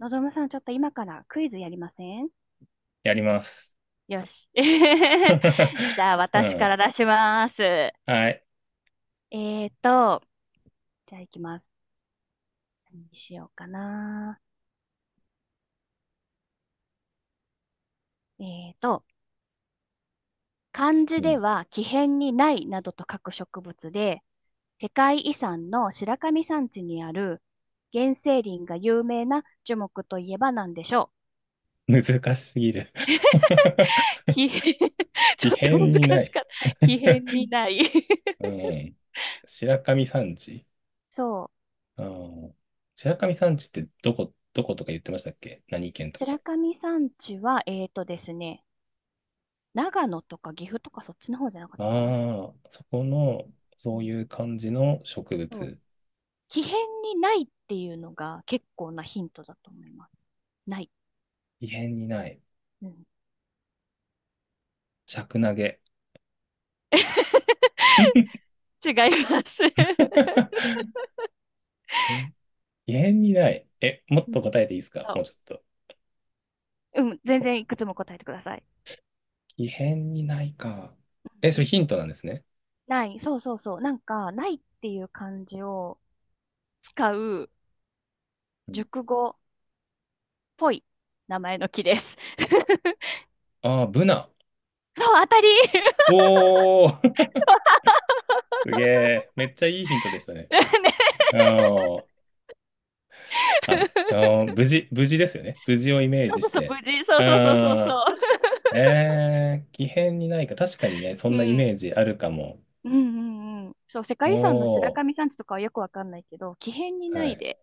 のぞむさん、ちょっと今からクイズやりません？やります。よし。じゃあ、う私かん。ら出します。はい。ーと、じゃあ行きます。何にしようかな。えーと、漢う字でん、は木偏にないなどと書く植物で、世界遺産の白神山地にある原生林が有名な樹木といえば何でしょ難しすぎる。 う？ 木偏 異ちょっと変難になしい。かった。木偏にない。 うん。白神山地。そう。うん。白神山地ってどこ、どことか言ってましたっけ？何県と白か。神山地は、えーとですね、長野とか岐阜とかそっちの方じゃなかったかな。ああ、そこの、うそうん、いう感じの植そう。物。奇変にないっていうのが結構なヒントだと思います。ない。異変にない。うん、尺投げ。 違います。え、異変にない。え、もっうん、と答えていいですか？もそうちょっと。う。うん、全お、然いくつも答えてください。異変にないか。え、うそんうれん、ヒントなんですね。ない、そう。なんか、ないっていう漢字を使ううん、熟語っぽい名前の木です。ああ、ブナ。そう、当たり。 おー。 すげえ。めっちゃいいヒントでしたね。ね。うん。あ、うん、無事、無事ですよね。無事をイメーそうジそうしそう、無て。事。そううそうそうそうん。そえー、奇変にないか。確かにね、そう。んなイうん。メージあるかも。うんうんうん。そう、世界遺産の白お神ー。山地とかはよくわかんないけど、奇変になはいい。で。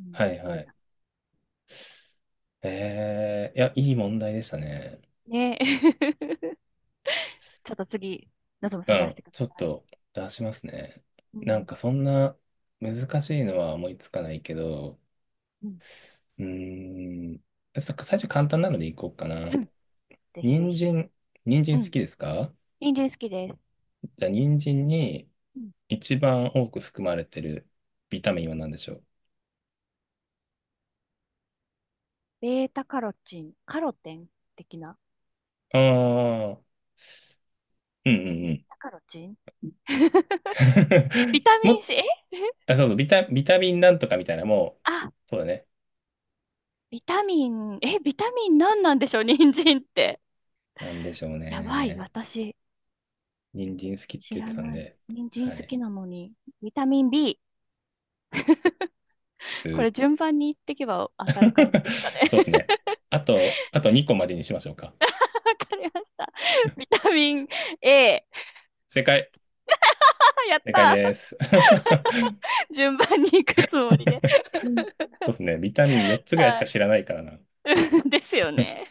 うん、はいはい。えー、いや、いい問題でしたね。ねえ。ちょっと次、のぞむうさん出ん。してくだちょっさい。と出しますね。うなんん。かそんな難しいのは思いつかないけど、うん。うーん。そっか、最初簡単なのでいこうかな。うん。ぜひぜ人ひ。参、人う参好ん。きですか？人参好きです。じゃあ、人参にうん。一番多く含まれてるビタミンは何でしょう？ベータカロチン、カロテン的な。ああー、うんうんベうーん。タカロチン。 ビ タミン も、C、え、あ、そうそう、ビタミンなんとかみたいな、もあ、う、そうだね。ビタミン、え、ビタミン何なんでしょう、人参って。なんでしょうやばい、ね。私、人参好きって知言っらてたんない。で、人参は好い。きなのに、ビタミン B。こう。 れ順番に言っていけば当たる感じ ですかね。そうですね。あと2個までにしましょうか。わかりました。ビタミン A。正解。あ、やっ正解たです。ー。 順番に行くつもりで。そうです ね。ビタミン4つぐらいしはかい。知らないからな。ですよね。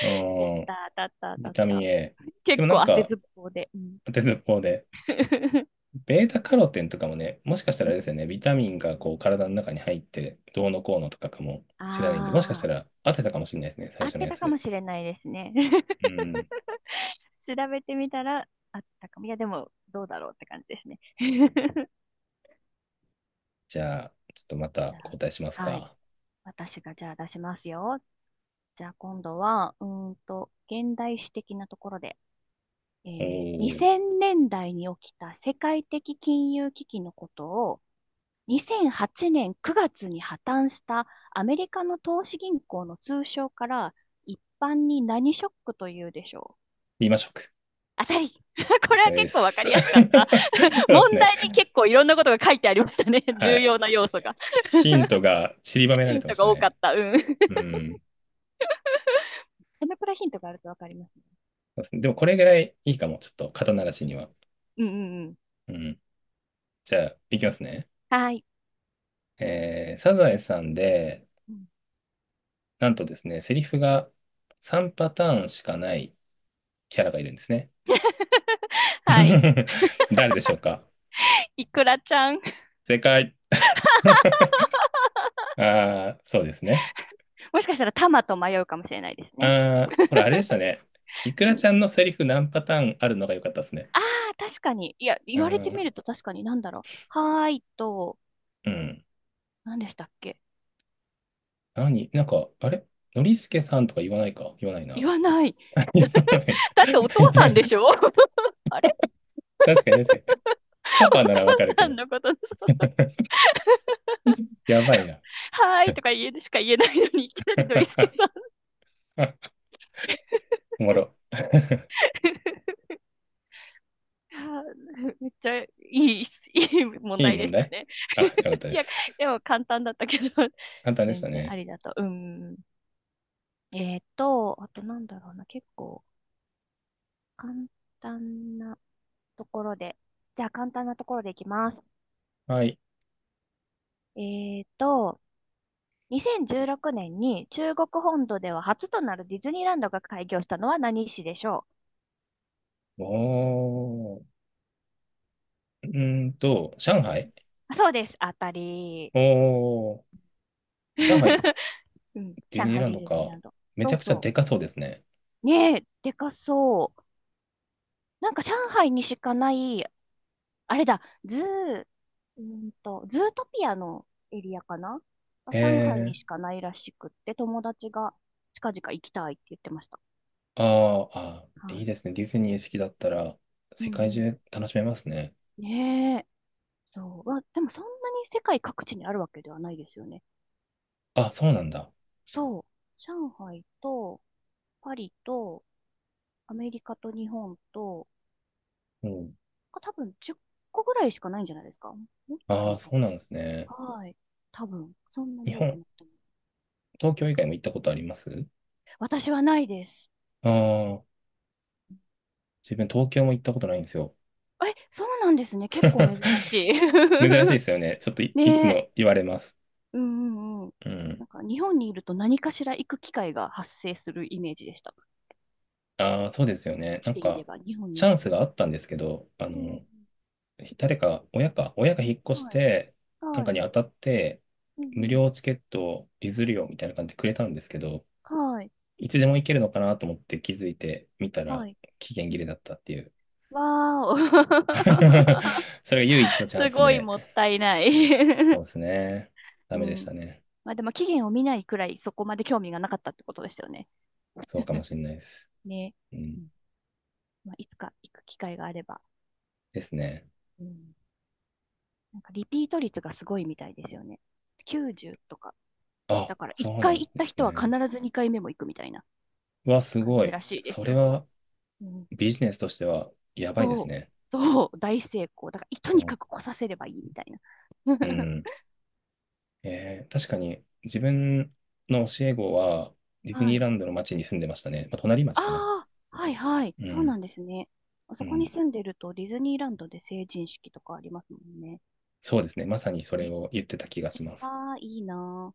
う やっん。たー、当たっビた、当タたっミた。ン A。で結もなん構当てか、ずっぽうで。うん。 鉄方で、ベータカロテンとかもね、もしかしたらあれですよね、ビタミンがこう体の中に入って、どうのこうのとかかもしれないんで、もしかしあたあ、ら当てたかもしれないですね、最合っ初のてやたつかで。もしれないですね。うん。調べてみたら合ってたかも。いや、でも、どうだろうって感じですね。じゃあ、ちょっとまたじゃ交代しますあ、はい。か。私がじゃあ出しますよ。じゃあ今度は、現代史的なところで、おー、2000年代に起きた世界的金融危機のことを、2008年9月に破綻したアメリカの投資銀行の通称から一般に何ショックというでしょう？リーマショック。当たり。 これはで結構わす。か そりやすかった。う です問ね。題に結構いろんなことが書いてありましたね。は重い。要な要素え、が。ヒ ントが散りばめらヒれンてまトしたが多かっね。た。うん。う ん。このくヒントがあるとわかります。そうですね。でもこれぐらいいいかも、ちょっと肩慣らしには。うんうんうん。うん。じゃあ、いきますね。はい。えー、サザエさんで、うん。 なんとですね、セリフが3パターンしかないキャラがいるんですね。はい。誰でしょうか？いくらちゃん。正解。ああ、そうですね。もしかしたらタマと迷うかもしれないですね。ああ、これあれ でしたね。イクうラちん、ゃんのセリフ何パターンあるのが良かったですね。ああ、確かに。いや、言うわれてみん。ると確かになんだろう。はーいと、うん。何でしたっけ？何、なんか、あれ、ノリスケさんとか言わないか、言わないな。言わない。言わな い。だっ てお父さんでしょ。 あれ、確かに確かに。パパお父ならわかるけさんど。のこと、やばいな。はーいとか言えしか言えないのに、いきなりノリスケさん。おもろ。あー、めっちゃいい、いい問いい題で問した題、ね。あ、よかった いでや、す。でも簡単だったけど、簡単でし全た然あね。りだと。うん、あとなんだろうな、結構簡単なところで。じゃあ簡単なところでいきます。はい。えっと、2016年に中国本土では初となるディズニーランドが開業したのは何市でしょおー。うーんと、上海。う？あ、そうです。当たり。おー。上海、うん、ディズ上ニー海ランディドズニーか。ランド。めちそゃうくちゃそでかそうですね。う。ねえ、でかそう。なんか上海にしかないあれだ、ズー、ズートピアのエリアかな、あ、え上海にしー。かないらしくって、友達が近々行きたいって言ってました。あー、あー、はいいい。ですね。ディズニー好きだったら、うん世う界ん。中楽しめますね。ねえ。そう。まあ、でもそんなに世界各地にあるわけではないですよね。あ、そうなんだ。そう。上海と、パリと、アメリカと日本と、うん。あ、多分10個ぐらいしかないんじゃないですか？もっとあるああ、のかそうなんですね。な。はい。多分、そんな日に多く本、なっても。東京以外も行ったことあります？私はないです。ああー、自分東京も行ったことないんですよ。え、そうなんですね。結構珍しい。珍しい ですよね。ちょっといつねえ。も言われます。うんうんうん。うん。なんか日本にいると何かしら行く機会が発生するイメージでした。ああ、そうですよ生ね。きなんていれか、ば、日本チにャ生ンきていスれがあったんですけど、あば。うの、ん誰か、親か、親が引っ越うん。しはい。て、なんはかい。に当たって、う無ん料チケットを譲るよみたいな感じでくれたんですけど、うん。はい。いつでも行けるのかなと思って気づいてみたはら、い。期限う切ん、れだったっていう。わーお。それが唯一の チャンすスごいで、もったいない。 そう ですね。ダうメでしん。たね。まあでも期限を見ないくらいそこまで興味がなかったってことですよね。そうかも しれないです。ね。ううん。ん、まあ、いつか行く機会があれば。ですね。うん、なんかリピート率がすごいみたいですよね。90とか。だあ、から1そうなん回行っでたす人は必ね。ず2回目も行くみたいなうわ、す感ごじい。らしいでそすれよ、そはう。うん、ビジネスとしてはやばいですそう、ね。そう、大成功。だから、い とうにん。かく来させればいいみたいな。う ん、えー、確かに自分の教え子はディズはニーい。ランドの町に住んでましたね。まあ、隣町かな。ああ、はいはい。うそうん。なんですね。あうそこにん。住んでるとディズニーランドで成人式とかありますもんね。そうですね。まさにそれえ、を言ってた気がします。ああ、いいなあ。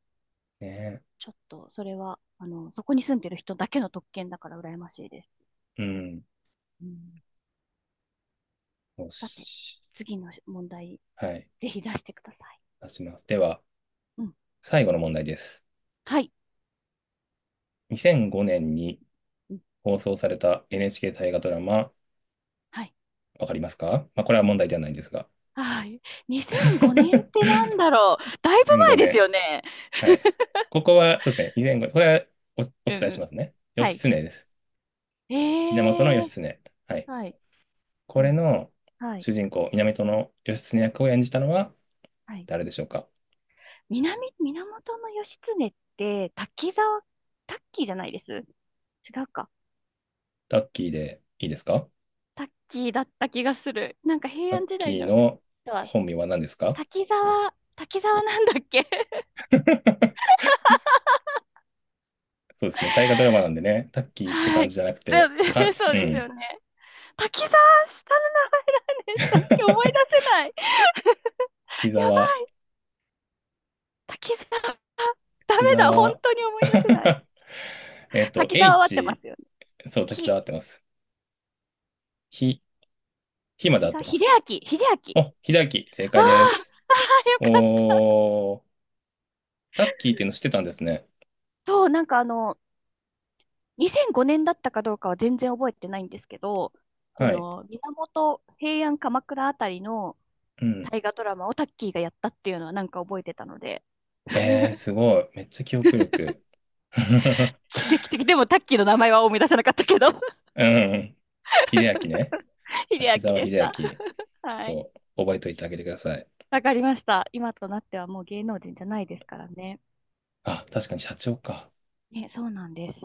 ね。ちょっと、それは、あの、そこに住んでる人だけの特権だから羨ましいです。うん。うん、よさて、し。次の問題はい。ぜひ出してください。出します。では、うん、最後の問題です。はい、2005年にうん。放送された NHK 大河ドラマ、はい。わかりますか？まあ、これは問題ではないんですが。はい。2005年ってなんだろう。だいぶ2005前ですよね。年、はい。ここは、そうですね。以前ご、これはお、おうん伝えうしん。ますね。は義い。経です。源ええ、義経。はい。はい。こうれん。のはい。主人公、源義経役を演じたのははい。誰でしょうか？南、源義経って、滝沢、タッキーじゃないです。違うか。タッキーでいいですか？タッキーだった気がする。なんか平タッ安時キ代ーのの人は、本名は何ですか？ 滝沢なんだっけ。 そうですね。大河ドラマなんでね、タッ キーっては感い。じじゃなくそて、かん、う。 そううですよん。ね。滝沢、下の名前なんです。さっき思い出 せない。木 やば沢、い。滝沢、ダメ木だ。本沢 当に思い出せない。えっと、滝沢は合ってま H、すよね。そう、滝ひ、沢合ってます。ひ、ひまで滝合っ沢、てま秀す。明、秀明。お、ひだき、正ああ、解であす。あ、よかった。おー、タッキーっていうの知ってたんですね。そう、なんかあの、2005年だったかどうかは全然覚えてないんですけど、そはい。の、源平安鎌倉あたりのうん。大河ドラマをタッキーがやったっていうのはなんか覚えてたので、えー、すごい。めっちゃ記憶力。奇跡的。でもタッキーの名前は思い出せなかったけど。 うん。秀 明ね。秀明滝沢で秀し明。た。ち ょっはい。と覚えておいてあげてください。わかりました。今となってはもう芸能人じゃないですからね。あ、確かに社長か。ね、そうなんです。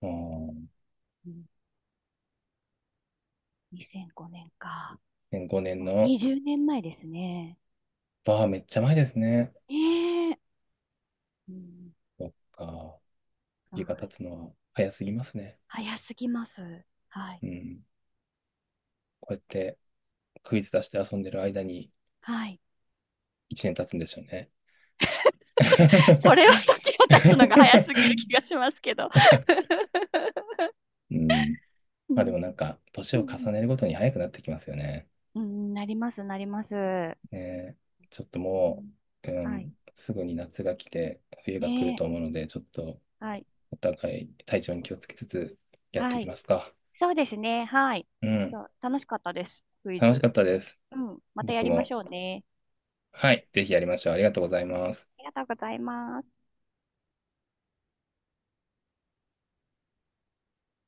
うん。うん、2005年か。5年もうの20年前ですね。バーめっちゃ前ですね。ねえ。うん、そっか。は日が経い。つのは早すぎますね。早すぎます。はい。うん。こうやってクイズ出して遊んでる間にはい。1年経つんでしょうね。それは時が経つのが早すぎる気がしますけど。うん。うまあでん。もなんか、年うをん、重ねるごとに早くなってきますよね。うんうん、なります、なります。ねえ、ちょっともう、うはい。ん、すぐに夏が来て、冬が来るねと思うので、ちょっとえ。はい。お互い体調に気をつけつつやってはいきい。ますか。そうですね。はい。うん。そう、楽しかったです。クイ楽しズ。かったです。うん。またや僕りましも。ょうね。はい。ぜひやりましょう。ありがとうございます。ありがとうございます。